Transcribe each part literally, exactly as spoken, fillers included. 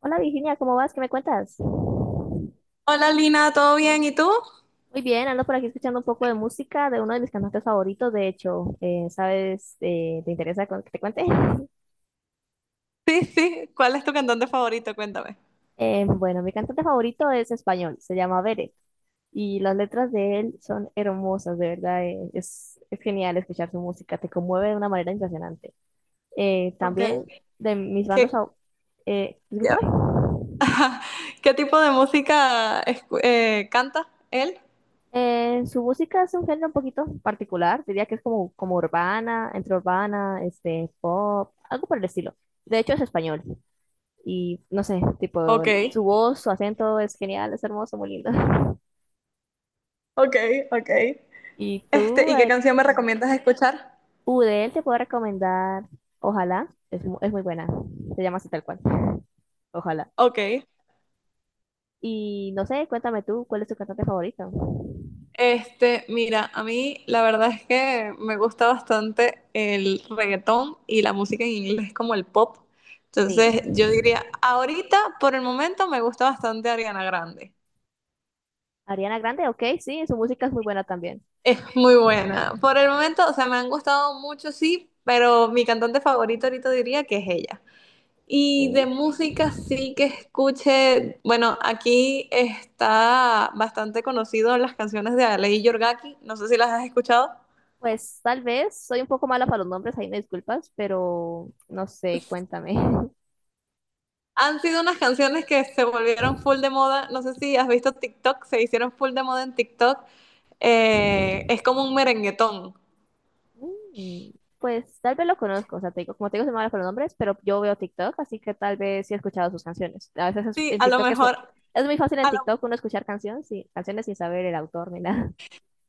Hola Virginia, ¿cómo vas? ¿Qué me cuentas? Muy Hola Lina, ¿todo bien? ¿Y tú? bien, ando por aquí escuchando un poco de música de uno de mis cantantes favoritos, de hecho, eh, ¿sabes? Eh, ¿te interesa con- que te cuente? Sí, sí. ¿Cuál es tu cantante favorito? Cuéntame. Eh, bueno, mi cantante favorito es español, se llama Beret, y las letras de él son hermosas, de verdad, eh, es, es genial escuchar su música, te conmueve de una manera impresionante. Eh, Ok. también de mis bandas ¿Qué, favoritas, eh, ¿disculpa? ya. ¿Qué tipo de música escu- eh, canta él? Eh, su música es un género un poquito particular, diría que es como, como urbana, entre urbana, este, pop, algo por el estilo. De hecho es español y no sé, tipo, Ok. su voz, su acento es genial, es hermoso, muy lindo. Ok, ok. Y Este, tú, ¿y qué eh, canción me recomiendas escuchar? U de él te puedo recomendar, ojalá, es, mu- es muy buena, se llama así tal cual, ojalá. Ok. Y no sé, cuéntame tú, ¿cuál es tu cantante favorito? Este, mira, a mí la verdad es que me gusta bastante el reggaetón y la música en inglés como el pop. Entonces, Sí, yo diría, ahorita, por el momento, me gusta bastante Ariana Grande. Ariana Grande, ok, sí, su música es muy buena también. Es muy buena. Por el momento, o sea, me han gustado mucho, sí, pero mi cantante favorito ahorita diría que es ella. Y de Sí. música sí que escuche, bueno, aquí está bastante conocido las canciones de Alei Yorgaki, no sé si las has escuchado. Pues tal vez, soy un poco mala para los nombres, ahí me disculpas, pero no sé, cuéntame. Han sido unas canciones que se volvieron full de moda, no sé si has visto TikTok, se hicieron full de moda en TikTok. Eh, es como un merenguetón. Mm, Pues tal vez lo conozco, o sea, te digo, como te digo, soy mala para los nombres, pero yo veo TikTok, así que tal vez sí he escuchado sus canciones. A veces es- Sí, en a lo TikTok es, mu- mejor. es muy fácil en TikTok uno escuchar canciones, sí, canciones sin saber el autor ni nada.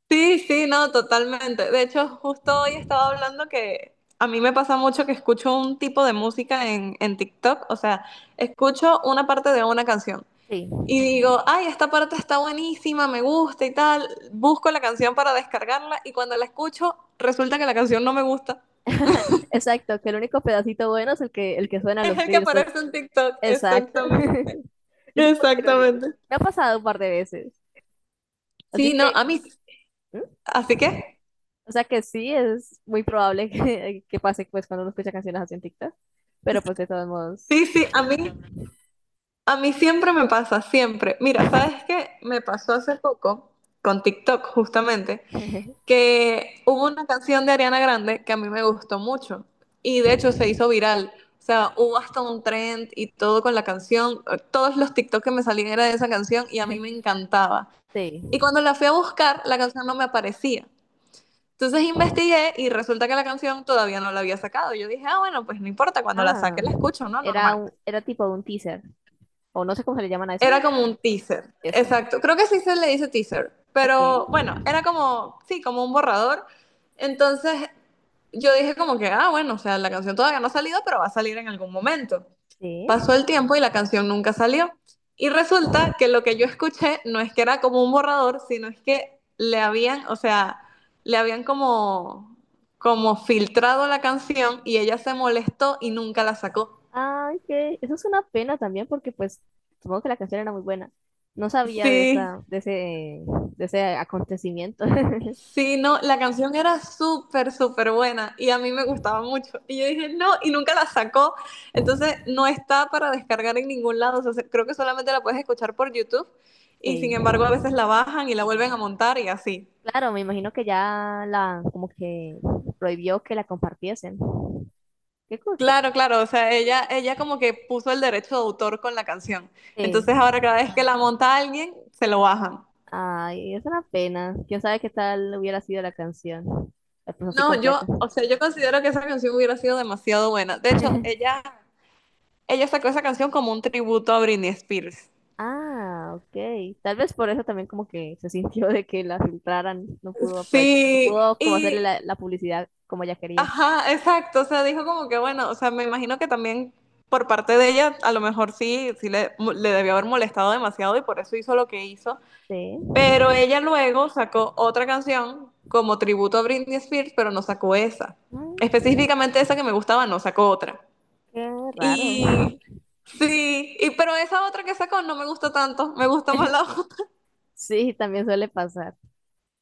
Sí, sí, no, totalmente. De hecho, justo hoy estaba hablando que a mí me pasa mucho que escucho un tipo de música en, en TikTok, o sea, escucho una parte de una canción Sí, y digo, ay, esta parte está buenísima, me gusta y tal, busco la canción para descargarla y cuando la escucho resulta que la canción no me gusta. exacto, que el único pedacito bueno es el que, el que suena en Es los el que reels. es- aparece en TikTok, Exacto. exactamente, Es un poco irónico. sí. exactamente. Me ha pasado un par de veces, así Sí, no, que... a mí, así que, O sea que sí, es muy probable que, que pase pues cuando uno escucha canciones así en TikTok, pero pues de todos sí, modos, sí, a mí. A mí siempre me pasa, siempre. Mira, ¿sabes qué? Me pasó hace poco con TikTok, justamente, que hubo una canción de Ariana Grande que a mí me gustó mucho y de hecho se hizo viral. O sea, hubo hasta un trend y todo con la canción. Todos los TikTok que me salían era de esa canción y a mí me encantaba. sí. Y cuando la fui a buscar, la canción no me aparecía. Entonces investigué y resulta que la canción todavía no la había sacado. Yo dije, ah, bueno, pues no importa, cuando la Ah, saque la escucho, ¿no? era, Normal. un- era tipo un teaser, o no sé cómo se le llaman a Era eso, como un teaser, eso. exacto. Creo que sí se le dice teaser, Ok, pero bueno, era como, sí, como un borrador. Entonces yo dije como que, ah, bueno, o sea, la canción todavía no ha salido, pero va a salir en algún momento. sí. Pasó el tiempo y la canción nunca salió. Y resulta que lo que yo escuché no es que era como un borrador, sino es que le habían, o sea, le habían como, como filtrado la canción y ella se molestó y nunca la sacó. Ay, que eso es una pena también porque pues supongo que la canción era muy buena. No sabía de Sí. esa, de ese, de ese acontecimiento. Sí, no, la canción era súper, súper buena y a mí me gustaba mucho. Y yo dije, no, y nunca la sacó. Entonces, no está para descargar en ningún lado. O sea, se- creo que solamente la puedes escuchar por YouTube y Sí. sin embargo a veces la bajan y la vuelven a montar y así. Claro, me imagino que ya la, como que prohibió que la compartiesen. ¿Qué, co- qué Claro, claro, o sea, ella, ella como que puso el derecho de autor con la canción. Sí. Entonces, ahora cada vez que la monta alguien, se lo bajan. Ay, es una pena. Quién sabe qué tal hubiera sido la canción. La puso así No, completa. yo, o sea, yo considero que esa canción hubiera sido demasiado buena. De hecho, ella, ella sacó esa canción como un tributo a Britney Spears. Ah, ok. Tal vez por eso también como que se sintió de que la filtraran. No pudo aprovechar, no Sí, pudo como hacerle y la, la publicidad como ella quería. ajá, exacto. O sea, dijo como que bueno, o sea, me imagino que también por parte de ella, a lo mejor sí, sí le, mo- le debió haber molestado demasiado y por eso hizo lo que hizo. Sí. Pero ella luego sacó otra canción como tributo a Britney Spears, pero no sacó esa. Mm, Específicamente esa que me gustaba, no sacó otra. Qué raro. Y sí, y pero esa otra que sacó no me gustó tanto, me gusta más la otra. Sí, también suele pasar.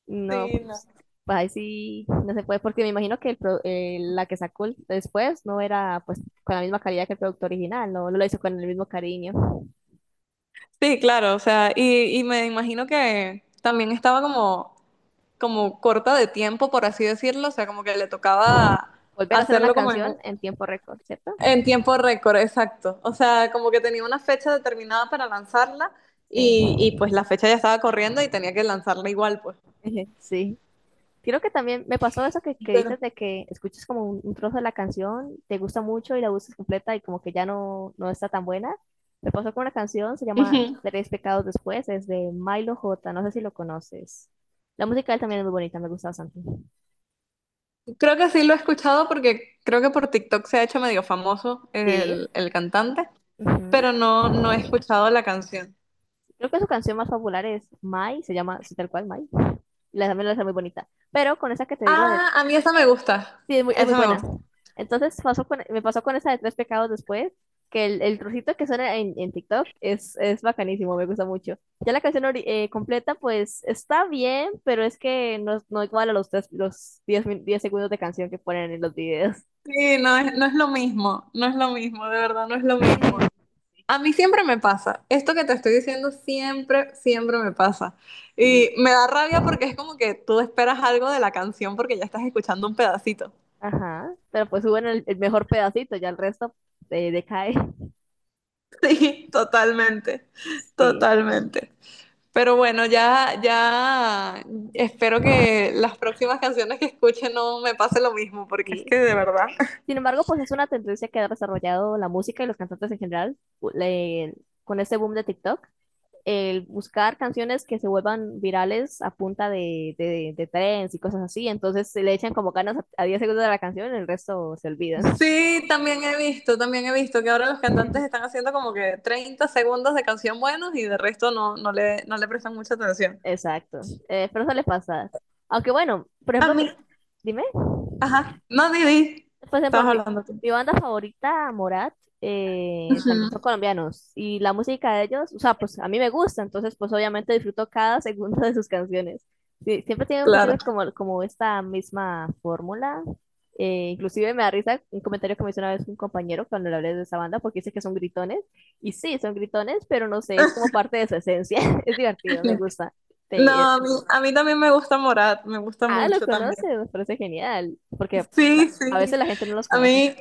No, Sí, no. pues, pues ahí sí no se puede, porque me imagino que el pro- eh, la que sacó el- después no era pues con la misma calidad que el producto original, no, no lo hizo con el mismo cariño. Sí, claro, o sea, y, y me imagino que también estaba como como corta de tiempo, por así decirlo, o sea, como que le tocaba Volver a hacer una hacerlo como en, canción en tiempo récord, ¿cierto? en tiempo récord, exacto. O sea, como que tenía una fecha determinada para lanzarla Sí. y, y pues la fecha ya estaba corriendo y tenía que lanzarla igual, pues. Sí. Creo que también me pasó eso que, que Pero, dices de que escuchas como un, un trozo de la canción, te gusta mucho y la buscas completa y como que ya no, no está tan buena. Me pasó con una canción, se llama Ujú. Tres Pecados Después, es de Milo J, no sé si lo conoces. La música de él también es muy bonita, me gusta bastante. Creo que sí lo he escuchado porque creo que por TikTok se ha hecho medio famoso Sí. el, el cantante, ujú. pero no, no he escuchado la canción. Creo que su canción más popular es Mai, se llama así tal cual Mai. Y la también la hace muy bonita. Pero con esa que te digo de, Ah, a mí esa me gusta, sí, es muy, es muy esa me buena. gusta. Entonces pasó con- me pasó con esa de Tres Pecados después, que el, el trocito que suena en, en TikTok es, es bacanísimo, me gusta mucho. Ya la canción ori- eh, completa, pues está bien, pero es que no, no igual a los, tres, los diez min- diez segundos de canción que ponen en los videos. Sí, no es, no es lo mismo, no es lo mismo, de verdad, no es lo mismo. A mí siempre me pasa. Esto que te estoy diciendo siempre, siempre me pasa. Y Sí, me da rabia porque es como que tú esperas algo de la canción porque ya estás escuchando un pedacito. ajá. Pero pues suben el, el mejor pedacito, ya el resto eh, decae. Sí, totalmente, Sí, totalmente. Pero bueno, ya, ya espero que las próximas canciones que escuche no me pase lo mismo, porque es sí. que de verdad. Sin embargo, pues es una tendencia que ha desarrollado la música y los cantantes en general u- le- con este boom de TikTok. El buscar canciones que se vuelvan virales a punta de, de, de trends y cosas así. Entonces se le echan como ganas a, a diez segundos de la canción, el resto se olvidan. Sí, también he visto, también he visto que ahora los cantantes están haciendo como que treinta segundos de canción buenos y de resto no, no le, no le prestan mucha atención. Exacto. Eh, pero eso le pasa. Aunque bueno, por A ejemplo, mi- mí, dime. Ajá, no, ni di. Por ejemplo, Estabas mi, hablando tú. mi banda favorita, Morat, eh, tam- son Ujú. colombianos y la música de ellos, o sea, pues a mí me gusta, entonces pues obviamente disfruto cada segundo de sus canciones. Sí, siempre tienen un poquito Claro. como, como esta misma fórmula. eh, inclusive me da risa un comentario que me hizo una vez un compañero cuando le hablé de esa banda porque dice que son gritones y sí, son gritones, pero no sé, es como parte de su esencia. Es divertido, me gusta. No, Te- a mí, a mí, también me gusta Morat, me gusta ah, lo mucho también. conoces, me parece genial porque Sí, ca- a sí. veces la gente no los A conoce. mí,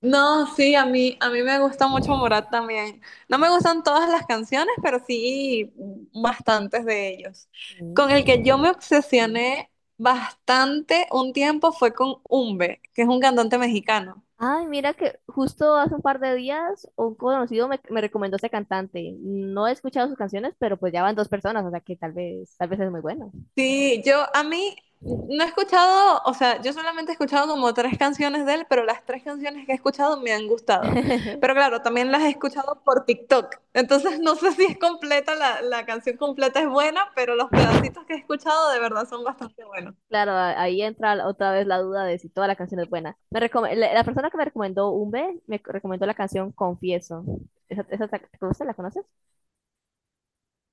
no, sí, a mí, a mí me gusta mucho Morat también. No me gustan todas las canciones, pero sí bastantes de ellos. Con el Mm. que yo me obsesioné bastante un tiempo fue con Umbe, que es un cantante mexicano. Ay, mira que justo hace un par de días un conocido me, me recomendó ese cantante. No he escuchado sus canciones, pero pues ya van dos personas, o sea que tal vez, tal vez es muy bueno. Sí, yo a mí no he escuchado, o sea, yo solamente he escuchado como tres canciones de él, pero las tres canciones que he escuchado me han gustado. Pero claro, también las he escuchado por TikTok. Entonces no sé si es completa, la, la canción completa es buena, pero los pedacitos que he escuchado de verdad son bastante buenos. Claro, a- ahí entra la- otra vez la duda de si toda la canción es buena. Me recom- la, la persona que me recomendó Umbe me co- recomendó la canción Confieso. ¿Esa, esa te te gusta? ¿La conoces?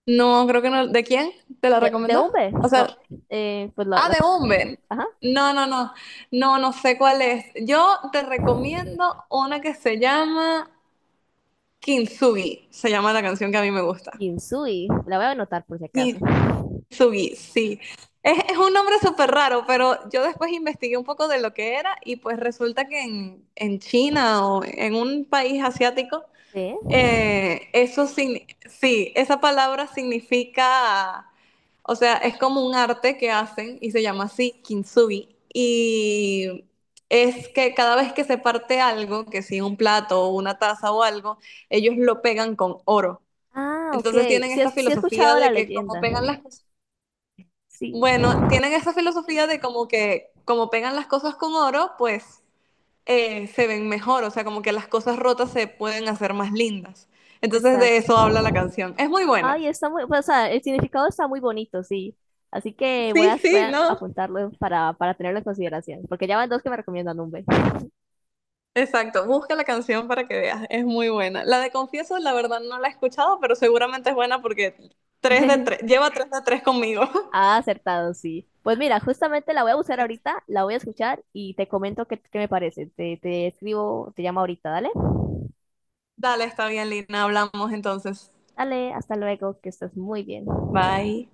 No, creo que no. ¿De quién? ¿Te la De, de recomendó? Umbe, O no, sea, eh, pues la, ah, la- de Umben. ajá, No, no, no. No, no sé cuál es. Yo te recomiendo una que se llama Kintsugi. Se llama la canción que a mí me gusta. Kinsui. La voy a anotar por si acaso. Sugi, sí. Es, es un nombre súper raro, pero yo después investigué un poco de lo que era y pues resulta que en, en China o en un país asiático, ¿Sí? eh, eso signi- sí, esa palabra significa, o sea, es como un arte que hacen y se llama así kintsugi y es que cada vez que se parte algo, que si un plato o una taza o algo, ellos lo pegan con oro. Ah, ok. Entonces tienen Sí, he- esta sí he filosofía escuchado la de que como leyenda. pegan las cosas Sí. bueno, tienen esa filosofía de como que como pegan las cosas con oro, pues eh, se ven mejor, o sea, como que las cosas rotas se pueden hacer más lindas. Entonces de eso habla Exacto. la canción. Es muy buena. Ay, está muy, pues, o sea, el significado está muy bonito, sí. Así que voy Sí, a, voy sí, a ¿no? apuntarlo para, para tenerlo en consideración, porque ya van dos que me recomiendan un B. Exacto, busca la canción para que veas, es muy buena. La de Confieso, la verdad no la he escuchado, pero seguramente es buena porque tres de tres lleva tres de tres conmigo. Ah, acertado, sí. Pues mira, justamente la voy a buscar ahorita, la voy a escuchar y te comento qué, qué, me parece. Te, te escribo, te llamo ahorita, dale. Dale, está bien, Lina, hablamos entonces. Dale, hasta luego, que estés muy bien. Bye.